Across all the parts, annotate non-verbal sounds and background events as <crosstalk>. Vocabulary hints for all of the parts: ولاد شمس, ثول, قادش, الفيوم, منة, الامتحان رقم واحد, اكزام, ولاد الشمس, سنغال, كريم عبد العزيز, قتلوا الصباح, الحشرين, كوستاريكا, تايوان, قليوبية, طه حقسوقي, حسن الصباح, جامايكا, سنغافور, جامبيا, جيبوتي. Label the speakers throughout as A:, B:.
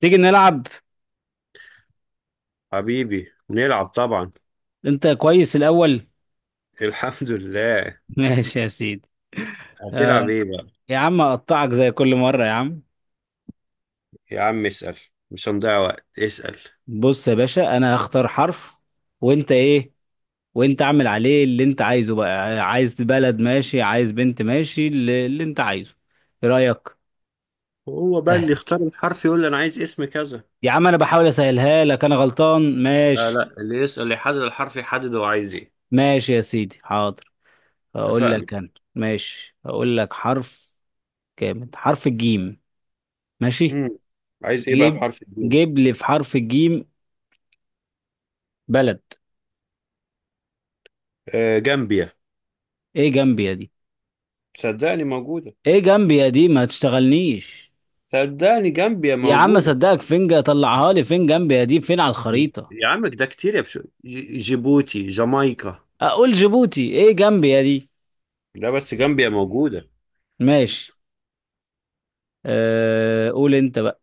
A: تيجي نلعب.
B: حبيبي نلعب طبعا.
A: انت كويس الاول؟
B: <laughs> الحمد لله.
A: <laughs> ماشي يا سيدي.
B: هتلعب
A: آه
B: ايه بقى؟
A: يا عم اقطعك زي كل مره يا عم.
B: يا عم اسأل. مش هنضيع وقت، اسأل.
A: بص يا باشا، انا هختار حرف، وانت ايه؟ وانت اعمل عليه اللي انت عايزه بقى. عايز بلد ماشي، عايز بنت ماشي، اللي انت عايزه. ايه رايك؟
B: هو بقى اللي
A: سهل.
B: يختار الحرف يقول لي انا عايز اسم كذا.
A: يا عم انا بحاول اسهلها لك، انا غلطان؟
B: لا
A: ماشي.
B: لا، اللي يسأل يحدد الحرف، يحدد هو عايز ايه.
A: ماشي يا سيدي، حاضر. هقول
B: اتفقنا.
A: لك انا. ماشي، هقول لك حرف، كامل حرف الجيم. ماشي.
B: امم عايز ايه بقى في
A: جيب،
B: حرف الجيم؟
A: جيب لي في حرف الجيم بلد.
B: آه، جامبيا.
A: ايه جنبي يا دي؟
B: صدقني موجودة.
A: ايه جنبي يا دي؟ ما تشتغلنيش.
B: صدقني جامبيا
A: يا عم
B: موجودة.
A: صدقك فين، طلعها لي فين جنبي يا دي، فين على
B: ج...
A: الخريطة؟
B: يا عم ده كتير يا بشو. جيبوتي، جامايكا.
A: اقول جيبوتي ايه جنبي يا دي.
B: ده بس، جامبيا موجودة.
A: ماشي. أه قول انت بقى.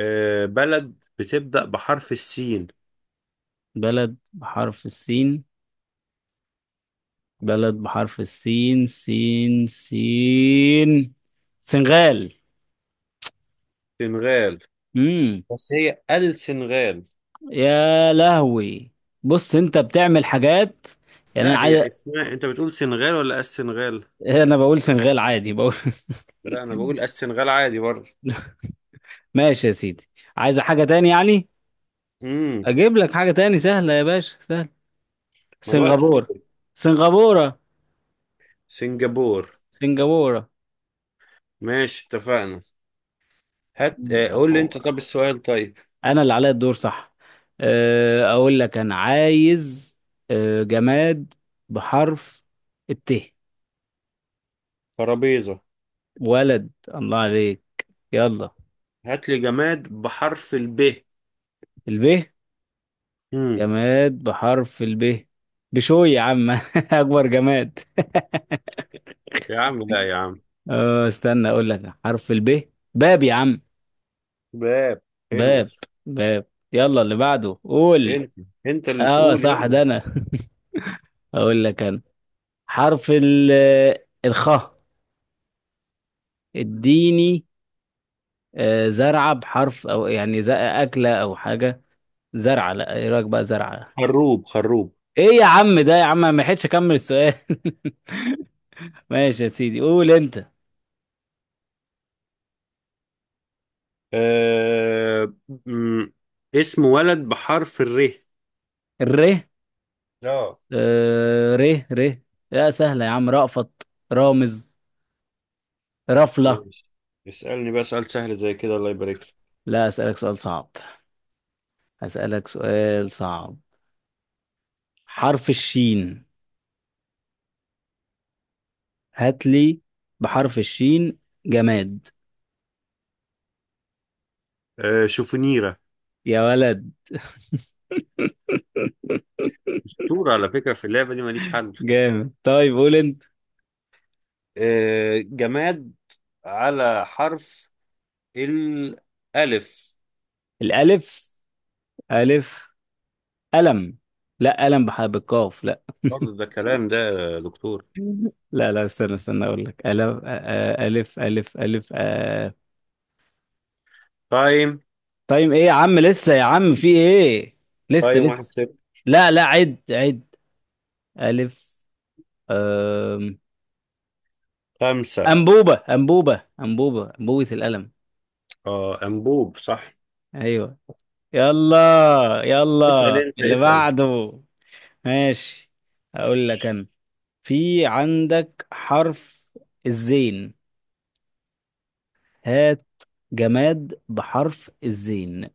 B: آه، بلد بتبدأ بحرف السين.
A: بلد بحرف السين، بلد بحرف السين، سين سين. سنغال.
B: سنغال.
A: امم
B: بس هي السنغال.
A: يا لهوي. بص انت بتعمل حاجات. يعني انا
B: لا،
A: عايز،
B: هي اسمها انت بتقول سنغال ولا السنغال؟
A: انا بقول سنغال عادي، بقول.
B: لا، انا بقول السنغال عادي برضه.
A: <laughs> ماشي يا سيدي. عايز حاجة تاني يعني؟
B: امم
A: اجيب لك حاجة تاني سهلة يا باشا، سهل.
B: ما الوقت
A: سنغافورة.
B: خلص.
A: سنغافورة.
B: سنغافور.
A: سنغافورة.
B: ماشي، اتفقنا. هات. قول لي انت،
A: سنغافورة.
B: طب السؤال طيب.
A: انا اللي عليا الدور، صح؟ اقول لك انا عايز جماد بحرف الت.
B: ترابيزة.
A: ولد، الله عليك. يلا.
B: هات لي جماد بحرف الب.
A: الب.
B: امم
A: جماد بحرف الب. بشوي يا عم، <laughs> اكبر جماد.
B: يا عم لا، يا عم.
A: أه استنى، اقول لك حرف الب، باب يا عم.
B: باب. حلو.
A: باب. باب. يلا، اللي بعده قول.
B: انت انت اللي
A: اه
B: تقول
A: صح،
B: يلا.
A: ده انا. <laughs> اقول لك انا. حرف ال، الخاء. اديني. زرعة بحرف او، يعني اكلة او حاجة، زرعة. لا، ايه رأيك بقى، زرعة.
B: خروب، خروب.
A: ايه يا عم ده يا عم، أنا ما لحقتش اكمل السؤال. <laughs> ماشي يا سيدي، قول انت.
B: آه... مم. اسم ولد بحرف الر.
A: الر.
B: اه.
A: ر. ر. لا سهلة يا عم، رأفت، رامز، رفلة.
B: ماشي. اسألني بقى سؤال سهل زي كده، الله يبارك لك.
A: لا، اسألك سؤال صعب، اسألك سؤال صعب. حرف الشين، هات لي بحرف الشين جماد.
B: آه، شوفونيرة.
A: يا ولد. <laughs>
B: شطور على فكرة في اللعبة دي، ماليش حل.
A: جامد، طيب قول انت.
B: آه جماد على حرف الألف.
A: الالف. الف. قلم. لا قلم بالقاف، لا.
B: برضه
A: <laughs>
B: ده كلام ده يا دكتور؟
A: لا لا، استنى استنى، اقول لك الف، الف الف الف
B: تايم!
A: طيب ايه يا عم، لسه يا عم في ايه، لسه
B: تايم واحد
A: لسه.
B: صفر.
A: لا لا، عد عد. الف. آم.
B: خمسة.
A: انبوبه انبوبه انبوبه انبوبه القلم.
B: اه، أنبوب صح.
A: ايوه. يلا.
B: اسأل
A: يلا
B: أنت،
A: اللي
B: اسأل.
A: بعده. ماشي، اقول لك انا. في عندك حرف الزين، هات جماد بحرف الزين.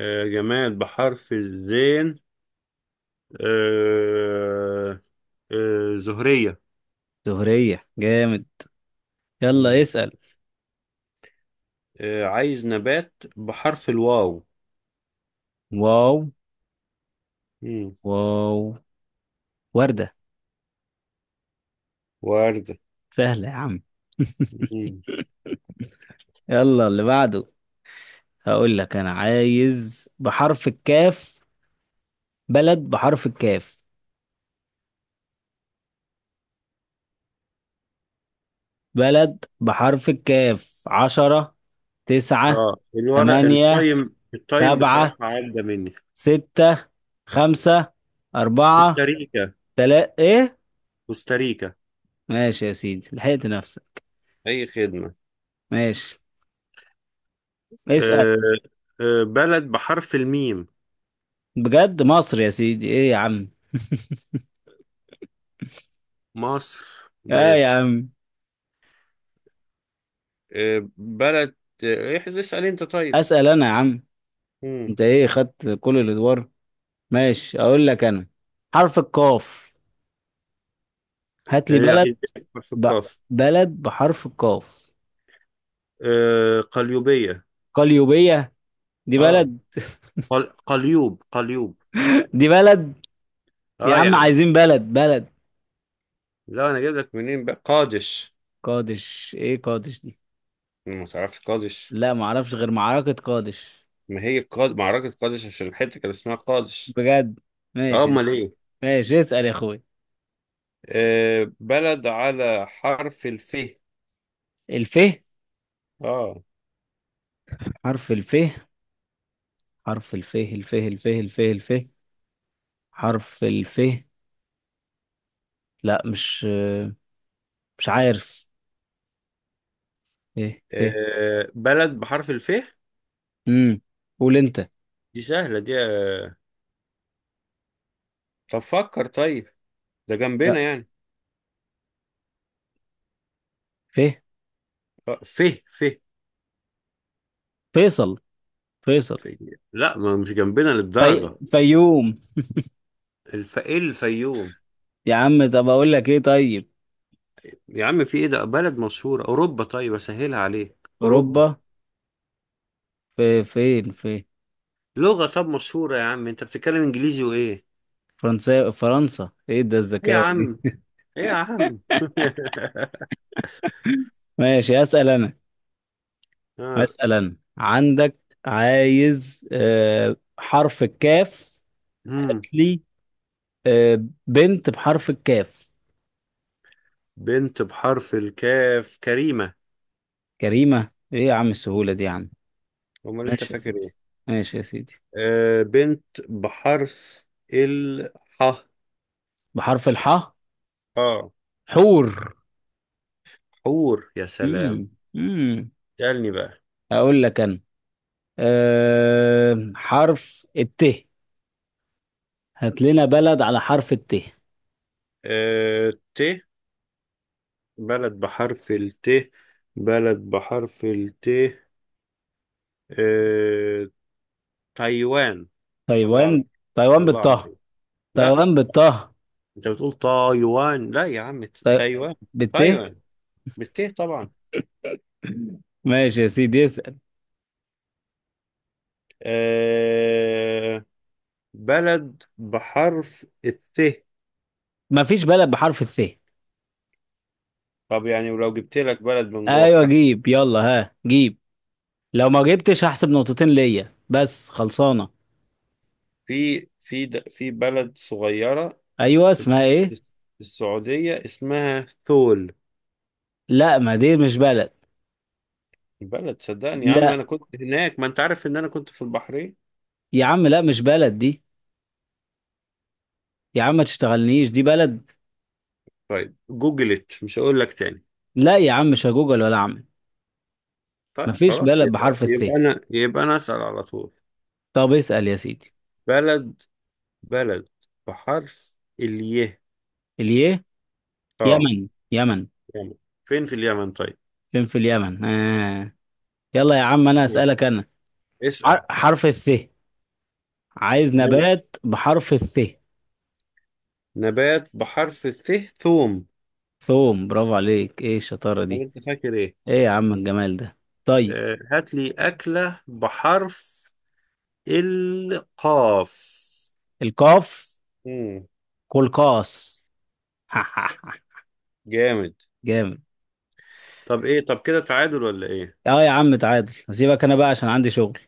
B: آه جماد بحرف الزين. آه. آه، زهرية.
A: زهرية جامد. يلا
B: مم.
A: اسأل.
B: آه، عايز نبات بحرف الواو.
A: واو.
B: مم.
A: واو. وردة.
B: وردة.
A: سهلة يا عم. <laughs> يلا اللي بعده. هقول لك انا عايز بحرف الكاف، بلد بحرف الكاف، بلد بحرف الكاف. عشرة، تسعة،
B: اه الورق،
A: تمانية،
B: التايم التايم بصراحة
A: سبعة،
B: عدى مني.
A: ستة، خمسة، أربعة،
B: كوستاريكا.
A: تلاتة. إيه؟
B: كوستاريكا.
A: ماشي يا سيدي، لحقت نفسك.
B: أي خدمة.
A: ماشي. اسأل.
B: آه. آه، بلد بحرف الميم.
A: بجد؟ مصر يا سيدي، ايه يا عم.
B: مصر،
A: <laughs> اه يا
B: ماشي.
A: عم.
B: آه، بلد. احذف، اسأل أنت طيب.
A: اسأل انا يا عم،
B: مم.
A: انت ايه خدت كل الادوار. ماشي، اقول لك انا. حرف القاف، هات لي
B: آه،
A: بلد.
B: عايز أفكر في
A: ب...
B: الكاف.
A: بلد بحرف القاف.
B: آه، قليوبية.
A: قليوبية؟ دي
B: اه.
A: بلد؟
B: قليوب، قليوب.
A: دي بلد؟ يا
B: اه يا
A: عم
B: عم.
A: عايزين بلد بلد.
B: لا، أنا جايب لك منين بقى قادش.
A: قادش، ايه قادش دي؟
B: ما تعرفش قادش؟
A: لا معرفش غير معركة قادش.
B: ما هي معركة قادش عشان الحتة كان اسمها قادش.
A: بجد؟
B: اه،
A: ماشي يا
B: امال
A: سيدي.
B: ايه.
A: ماشي اسأل يا اخوي.
B: آه، بلد على حرف الف.
A: الف.
B: اه.
A: حرف الف، حرف الف، الف الف الف الف. حرف الف. لا مش، مش عارف. ف. ف.
B: آه، بلد بحرف الف.
A: امم قول انت.
B: دي سهلة دي. آه، طب فكر، طيب. ده جنبنا
A: لا،
B: يعني.
A: ف.
B: آه، ف. ف.
A: فيصل. فيصل.
B: ف- لا، ما مش جنبنا للدرجة.
A: فيوم.
B: الف، ايه، الفيوم.
A: يا عم طب اقول لك ايه طيب.
B: يا عم في ايه، ده بلد مشهورة، اوروبا، طيب اسهلها عليك،
A: اوروبا.
B: اوروبا.
A: في فين في؟
B: لغة طب مشهورة يا عم، انت بتتكلم انجليزي وايه.
A: فرنسا، فرنسا. ايه ده
B: ايه يا
A: الذكاوة دي؟
B: عم. ايه يا عم. <laughs>
A: ماشي، اسال انا.
B: اه.
A: اسال انا، عندك، عايز حرف الكاف، هات
B: مم.
A: لي بنت بحرف الكاف.
B: بنت بحرف الكاف، كريمة.
A: جريمة؟ ايه يا عم السهولة دي يا عم.
B: امال انت
A: ماشي يا
B: فاكر
A: سيدي،
B: ايه.
A: ماشي يا سيدي.
B: آه، بنت بحرف الح.
A: بحرف الحاء.
B: اه.
A: حور.
B: حور، يا سلام.
A: امم امم.
B: اسألني بقى.
A: اقول لك انا. أه حرف الت، هات لنا بلد على حرف الت.
B: آه، ت. بلد بحرف الت. بلد بحرف الت. آه. تايوان. الله عليك.
A: تايوان. تايوان
B: الله
A: بالطه.
B: عليك. لا،
A: تايوان بالطه.
B: انت بتقول تايوان، لا يا عم،
A: تاي...
B: تايوان.
A: بالت.
B: تايوان، بالت طبعا.
A: ماشي يا سيدي، اسأل.
B: آه، بلد بحرف الث.
A: مفيش بلد بحرف الث.
B: طب يعني ولو جبت لك بلد من جوه
A: ايوه
B: بحرف.
A: جيب، يلا ها جيب. لو ما جبتش هحسب نقطتين ليا، بس خلصانة.
B: في بلد صغيرة.
A: ايوه
B: في.
A: اسمها ايه؟
B: في السعودية، اسمها ثول.
A: لا ما دي مش بلد.
B: البلد صدقني يا عم، أنا
A: لا
B: كنت هناك، ما أنت عارف إن أنا كنت في البحرين.
A: يا عم، لا مش بلد دي. يا عم ما تشتغلنيش، دي بلد؟
B: طيب جوجلت، مش هقول لك تاني.
A: لا يا عم، مش هجوجل ولا اعمل.
B: طيب
A: مفيش
B: خلاص،
A: بلد
B: يبقى
A: بحرف الث.
B: يبقى أنا يبقى أنا أسأل على طول.
A: طب اسأل يا سيدي.
B: بلد بلد بحرف الياء.
A: اليه.
B: آه.
A: يمن، يمن.
B: يمن. فين في اليمن؟ طيب.
A: فين في اليمن يلا يا عم، انا
B: مم.
A: اسألك انا.
B: اسأل.
A: حرف الث، عايز
B: مال.
A: نبات بحرف الث.
B: نبات بحرف الث. ثوم.
A: ثوم، برافو عليك، ايه الشطارة
B: ولا
A: دي؟
B: أنت فاكر إيه.
A: ايه يا عم الجمال ده. طيب.
B: آه، هات لي أكلة بحرف القاف.
A: القاف.
B: مم.
A: كلكاس. <laughs>
B: جامد.
A: جامد.
B: طب ايه، طب كده تعادل ولا ايه.
A: اه يا عم تعادل، هسيبك انا بقى عشان عندي شغل.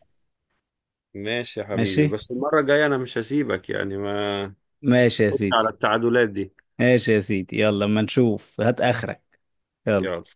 B: ماشي يا حبيبي،
A: ماشي.
B: بس المرة الجاية انا مش هسيبك، يعني ما
A: ماشي يا
B: تاخدش
A: سيدي،
B: على التعادلات دي.
A: ماشي يا سيدي. يلا اما نشوف، هات اخرك. يلا.
B: يلا.